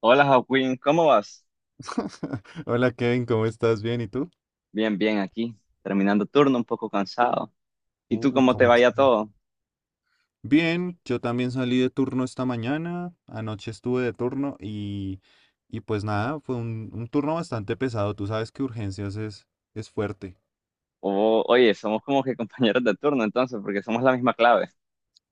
Hola Joaquín, ¿cómo vas? Hola Kevin, ¿cómo estás? ¿Bien? ¿Y tú? Bien, bien aquí, terminando turno, un poco cansado. ¿Y tú Uy, cómo te ¿cómo así? vaya todo? Bien, yo también salí de turno esta mañana, anoche estuve de turno y pues nada, fue un turno bastante pesado, tú sabes que es fuerte. Oye, somos como que compañeros de turno entonces, porque somos la misma clave.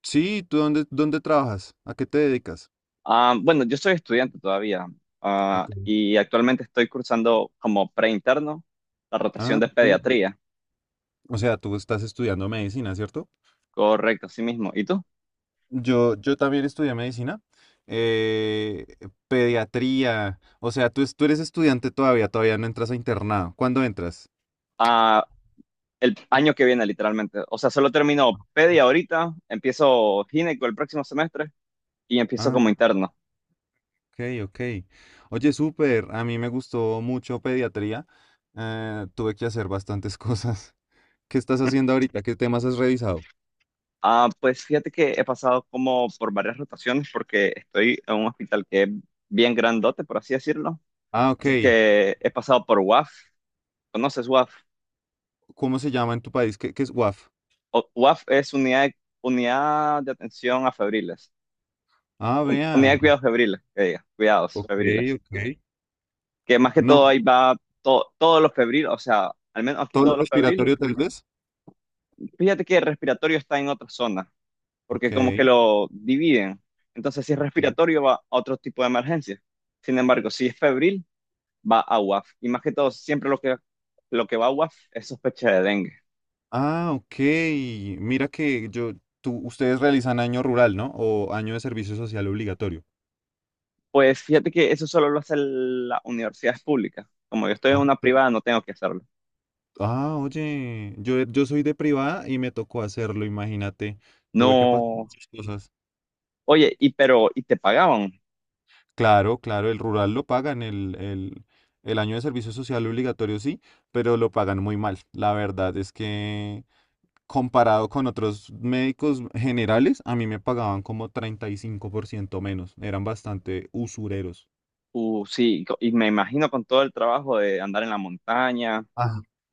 Sí, ¿tú dónde trabajas? ¿A qué te dedicas? Ah, bueno, yo soy estudiante todavía, Ok. y actualmente estoy cursando como preinterno la rotación Ah, de ok. pediatría. O sea, tú estás estudiando medicina, ¿cierto? Correcto, así mismo. ¿Y tú? Yo también estudié medicina, eh, pediatría, o sea, tú eres estudiante todavía, todavía no entras a internado. ¿Cuándo entras? Ah, el año que viene literalmente. O sea, solo termino pedia ahorita, empiezo gineco el próximo semestre y empiezo como Ah. interno. Ok, ok. Oye, súper, a mí me gustó mucho pediatría. Tuve que hacer bastantes cosas. ¿Qué estás haciendo ahorita? ¿Qué temas has revisado? Ah, pues fíjate que he pasado como por varias rotaciones porque estoy en un hospital que es bien grandote, por así decirlo. Ah, ok. Así que he pasado por UAF. ¿Conoces UAF? ¿Cómo se llama en tu país? ¿Qué es WAF? UAF es unidad de atención a febriles. Ah, Unidad de vean. cuidados febriles, que diga, cuidados Ok, febriles. ok. Que más que todo No, ahí va todos los febriles, o sea, al menos aquí todo lo todos los febriles. respiratorio tal vez. Fíjate que el respiratorio está en otra zona, Ok, porque como que lo dividen. Entonces, si es ok. respiratorio, va a otro tipo de emergencia. Sin embargo, si es febril, va a UAF. Y más que todo, siempre lo que va a UAF es sospecha de dengue. Ah, ok. Mira que ustedes realizan año rural, ¿no? O año de servicio social obligatorio. Pues fíjate que eso solo lo hace las universidades públicas. Como yo estoy en Ah, una privada, no tengo que hacerlo. ah, oye, yo soy de privada y me tocó hacerlo, imagínate. Tuve que pasar No. muchas cosas. Oye, y pero, ¿y te pagaban? Claro, claro, el rural lo pagan, el año de servicio social obligatorio sí, pero lo pagan muy mal. La verdad es que comparado con otros médicos generales, a mí me pagaban como 35% menos. Eran bastante usureros. Sí, y me imagino con todo el trabajo de andar en la montaña,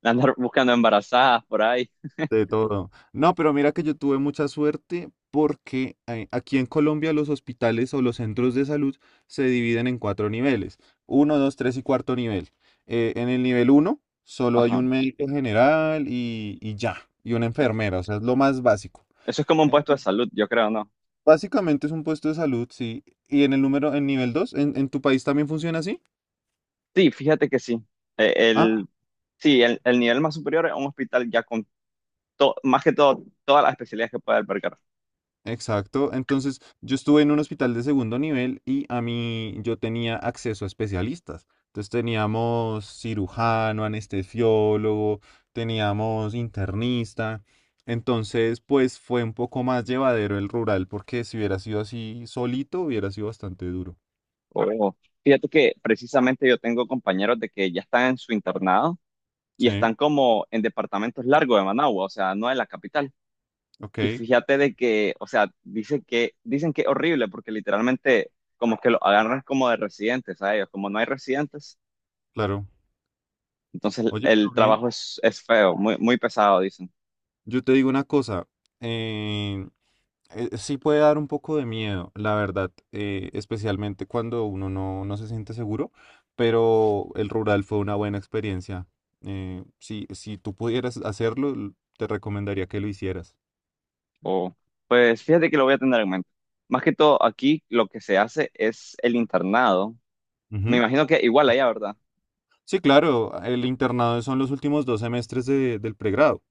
de andar buscando embarazadas por ahí. De todo. No, pero mira que yo tuve mucha suerte porque aquí en Colombia los hospitales o los centros de salud se dividen en cuatro niveles. Uno, dos, tres y cuarto nivel. En el nivel uno solo hay Ajá. un médico general y ya, y una enfermera, o sea, es lo más básico. Eso es como un Eh, puesto de salud, yo creo, ¿no? Básicamente es un puesto de salud, sí. Y en el número, en nivel dos, ¿en tu país también funciona así? Sí, fíjate que sí. Eh, Ah, El, Sí, el nivel más superior es un hospital ya con más que todo, todas las especialidades que puede albergar. exacto. Entonces, yo estuve en un hospital de segundo nivel y a mí yo tenía acceso a especialistas. Entonces teníamos cirujano, anestesiólogo, teníamos internista. Entonces, pues fue un poco más llevadero el rural, porque si hubiera sido así solito, hubiera sido bastante duro. O, Fíjate que precisamente yo tengo compañeros de que ya están en su internado y Sí, están como en departamentos largos de Managua, o sea, no en la capital. ok, Y fíjate de que, o sea, dice que, dicen que es horrible porque literalmente como que lo agarran como de residentes a ellos, como no hay residentes, claro. entonces Oye, el pero bien, trabajo es feo, muy, muy pesado. yo te digo una cosa. eh, sí puede dar un poco de miedo, la verdad, especialmente cuando uno no se siente seguro, pero el rural fue una buena experiencia. Si tú pudieras hacerlo, te recomendaría que lo hicieras. O, pues fíjate que lo voy a tener en mente. Más que todo, aquí lo que se hace es el internado. Me Ujú. imagino que igual allá, ¿verdad? Sí, claro, el internado son los últimos dos semestres del pregrado.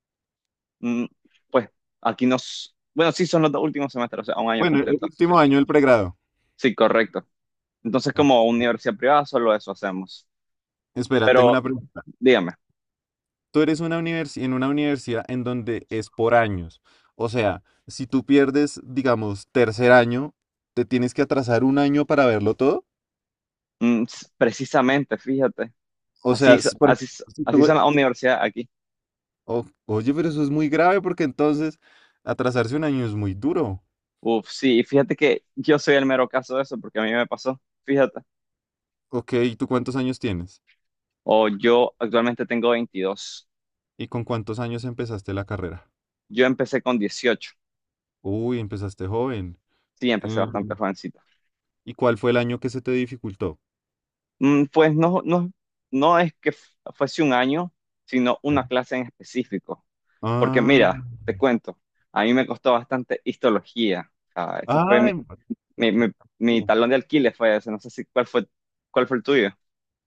Mm, pues aquí nos... Bueno, sí, son los dos últimos semestres, o sea, un año Bueno, el completo. último año del pregrado. Sí, correcto. Entonces, Ok. como universidad privada, solo eso hacemos. Espera, tengo Pero una pregunta. dígame, Tú eres una universi- en una universidad en donde es por años. O sea, si tú pierdes, digamos, tercer año, te tienes que atrasar un año para verlo todo. Precisamente, fíjate, O así, sea, si, por así, ejemplo, si así tú- son las universidades aquí. o- oye, pero eso es muy grave porque entonces atrasarse un año es muy duro. Uf, sí, y fíjate que yo soy el mero caso de eso, porque a mí me pasó, fíjate. Ok, ¿y tú cuántos años tienes? O Yo actualmente tengo 22. ¿Y con cuántos años empezaste la carrera? Yo empecé con 18. Uy, empezaste joven. Sí, empecé Mm, bastante jovencito. ¿y cuál fue el año que se te dificultó? Pues no, no, no es que fuese un año, sino Ya. una clase en específico. Porque Ah, mira, te cuento, a mí me costó bastante histología. O sea, esa fue mi, ah, mi, mi- mi talón de alquiler fue ese. No sé si cuál fue, cuál fue el tuyo.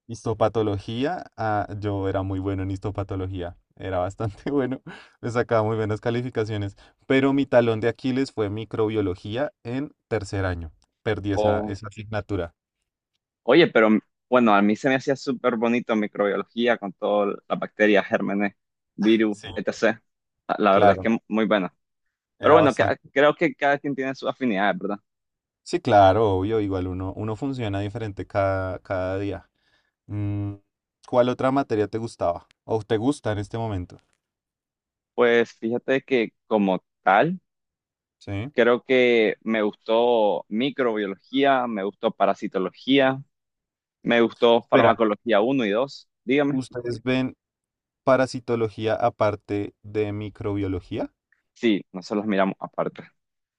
Histopatología, ah, yo era muy bueno en histopatología, era bastante bueno, me sacaba muy buenas calificaciones, pero mi talón de Aquiles fue microbiología en tercer año, perdí O, esa asignatura, Oye, pero bueno, a mí se me hacía súper bonito microbiología con todas las bacterias, gérmenes, virus, sí, etc. La verdad es claro, que muy buena. Pero era bueno, bastante, creo que cada quien tiene sus afinidades, ¿verdad? sí, claro, obvio, igual uno funciona diferente cada día. Mm, ¿cuál otra materia te gustaba o te gusta en este momento? Pues fíjate que como tal, Sí. creo que me gustó microbiología, me gustó parasitología, me gustó Espera, farmacología uno y 2. Dígame. ¿ustedes ven parasitología aparte de microbiología? Sí, nosotros las miramos aparte.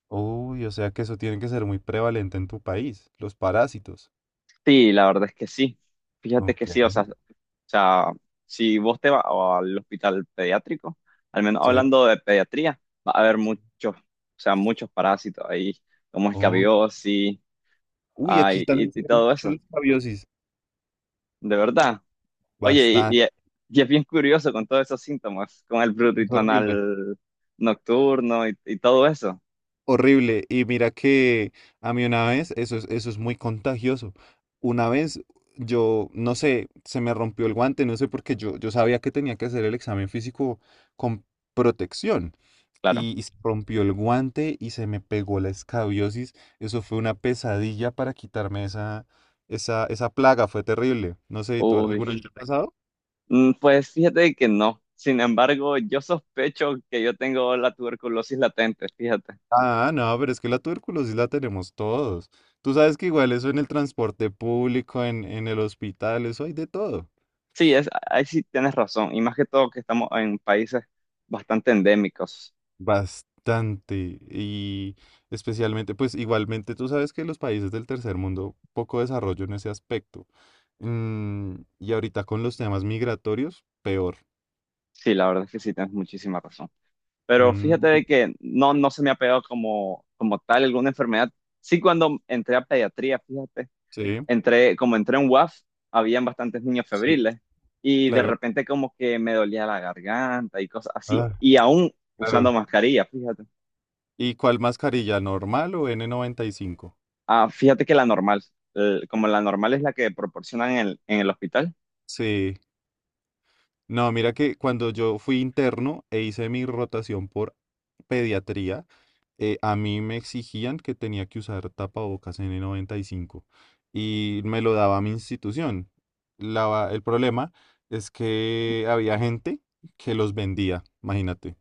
Uy, o sea que eso tiene que ser muy prevalente en tu país, los parásitos. Sí, la verdad es que sí. Fíjate que Ok, sí, o sea, sea, si vos te vas al hospital pediátrico, al menos sí. hablando de pediatría, va a haber muchos, o sea, muchos parásitos ahí, como Oh. escabiosis, Uy, ay, aquí y también se y ven todo mucho eso, los escabiosis. de verdad. Oye, Bastante, y es bien curioso con todos esos síntomas, con el es prurito horrible. anal nocturno y todo eso, Horrible. Y mira que a mí una vez, eso es muy contagioso. Una vez yo, no sé, se me rompió el guante, no sé por qué yo sabía que tenía que hacer el examen físico con protección. claro. Y se rompió el guante y se me pegó la escabiosis. Eso fue una pesadilla para quitarme esa plaga, fue terrible. No sé, ¿tú Uy, alguna vez te ha pasado? Pues fíjate que no. Sin embargo, yo sospecho que yo tengo la tuberculosis latente, fíjate. Ah, no, pero es que la tuberculosis la tenemos todos. Tú sabes que igual eso en el transporte público, en el hospital, eso hay de todo. Sí, es, ahí sí tienes razón, y más que todo que estamos en países bastante endémicos. Bastante. Y especialmente, pues igualmente tú sabes que los países del tercer mundo, poco desarrollo en ese aspecto. Mm, y ahorita con los temas migratorios, peor. Sí, la verdad es que sí tienes muchísima razón. Pero Mm, fíjate de que no, se me ha pegado como, como tal alguna enfermedad. Sí, cuando entré a pediatría, fíjate. sí, Entré, como entré en WAF, habían bastantes niños sí, febriles y de claro. repente como que me dolía la garganta y cosas así. Ah, Y aún usando claro. mascarilla, fíjate. ¿Y cuál mascarilla? ¿Normal o N95? Ah, fíjate que la normal, como la normal es la que proporcionan en el hospital. Sí. No, mira que cuando yo fui interno e hice mi rotación por pediatría, a mí me exigían que tenía que usar tapabocas n noventa y cinco y me lo daba mi institución. El problema es que había gente que los vendía, imagínate.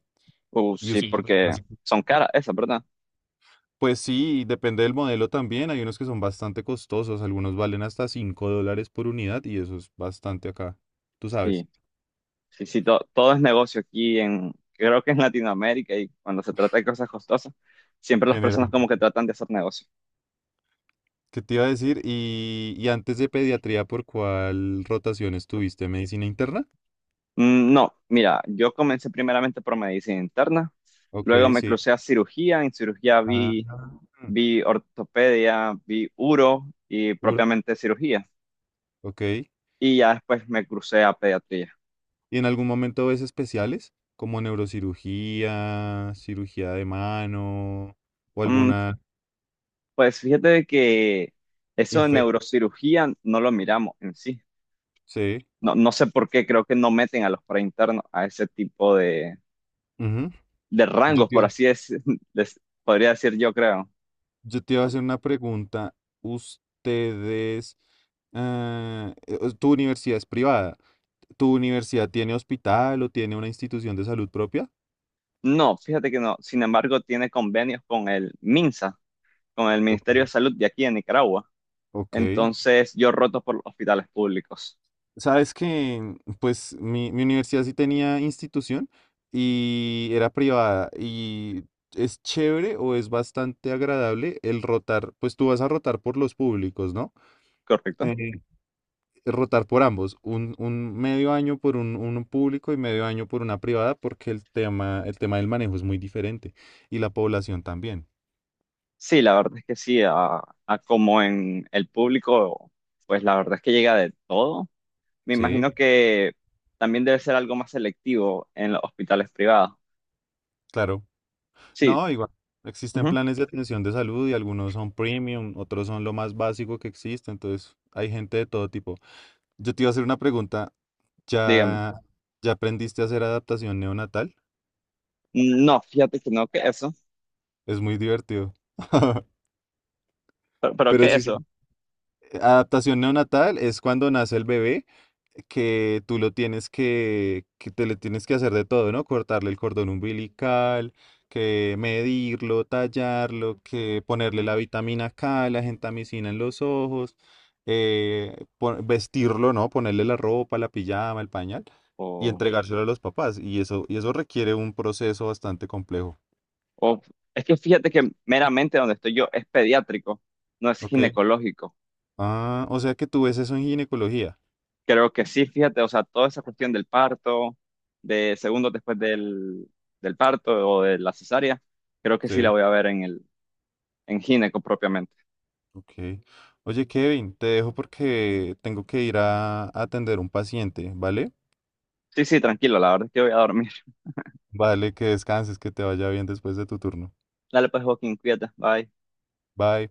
Y us- Sí, Y porque así- son caras esas, ¿verdad? pues sí, depende del modelo también. Hay unos que son bastante costosos, algunos valen hasta 5 dólares por unidad y eso es bastante acá, tú sabes. Sí, sí, sí, todo es negocio aquí en, creo que en Latinoamérica y cuando se trata de cosas costosas, siempre las personas como que tratan de hacer negocio. ¿Qué te iba a decir? Y antes de pediatría, ¿por cuál rotación estuviste? ¿Medicina interna? No, mira, yo comencé primeramente por medicina interna, Ok, luego me sí. crucé a cirugía, en cirugía Ah, mm, vi ortopedia, vi uro y uro. propiamente cirugía, Ok. y ya después me crucé a pediatría. ¿Y en algún momento ves especiales? Como neurocirugía, cirugía de mano o Mm, alguna pues fíjate de que eso de infección. neurocirugía no lo miramos en sí, Sí. no, no sé por qué, creo que no meten a los preinternos a ese tipo de, Ujú. de Yo rangos, te, por iba- así es, les podría decir yo creo. yo te iba a hacer una pregunta. ¿Ustedes, tu universidad es privada? ¿Tu universidad tiene hospital o tiene una institución de salud propia? No, fíjate que no, sin embargo tiene convenios con el MINSA, con el Ministerio de Salud de aquí en Nicaragua. Ok. Entonces yo roto por los hospitales públicos, Sabes que, pues, mi universidad sí tenía institución y era privada y es chévere o es bastante agradable el rotar, pues tú vas a rotar por los públicos, ¿no? ¿correcto? Eh, rotar por ambos, un medio año por un público y medio año por una privada porque el tema del manejo es muy diferente y la población también. Sí, la verdad es que sí, a como en el público, pues la verdad es que llega de todo. Me Sí, imagino que también debe ser algo más selectivo en los hospitales privados. claro. Sí, No, igual. Existen ujú, planes de atención de salud y algunos son premium, otros son lo más básico que existe, entonces hay gente de todo tipo. Yo te iba a hacer una pregunta, dígame. ¿ya, ¿ya aprendiste a hacer adaptación neonatal? No, fíjate que no, que eso, Es muy divertido. pero Pero que sí, sí. eso. Adaptación neonatal es cuando nace el bebé, que tú lo tienes que te le tienes que hacer de todo, ¿no? Cortarle el cordón umbilical, que medirlo, tallarlo, que ponerle la vitamina K, la gentamicina en los ojos, vestirlo, ¿no? Ponerle la ropa, la pijama, el pañal y O, entregárselo a los papás. Y eso requiere un proceso bastante complejo, o- es que fíjate que meramente donde estoy yo es pediátrico, no es ¿ok? ginecológico. Ah, o sea que tú ves eso en ginecología, Creo que sí, fíjate, o sea, toda esa cuestión del parto, de segundos después del parto o de la cesárea, creo que sí la ¿sí? voy a ver en el en gineco propiamente. Ok. Oye, Kevin, te dejo porque tengo que ir a atender un paciente, ¿vale? Sí, sí, tranquilo, la verdad es que voy a dormir. Vale, que descanses, que te vaya bien después de tu turno. Dale pues, Joaquín, cuídate, bye. Bye.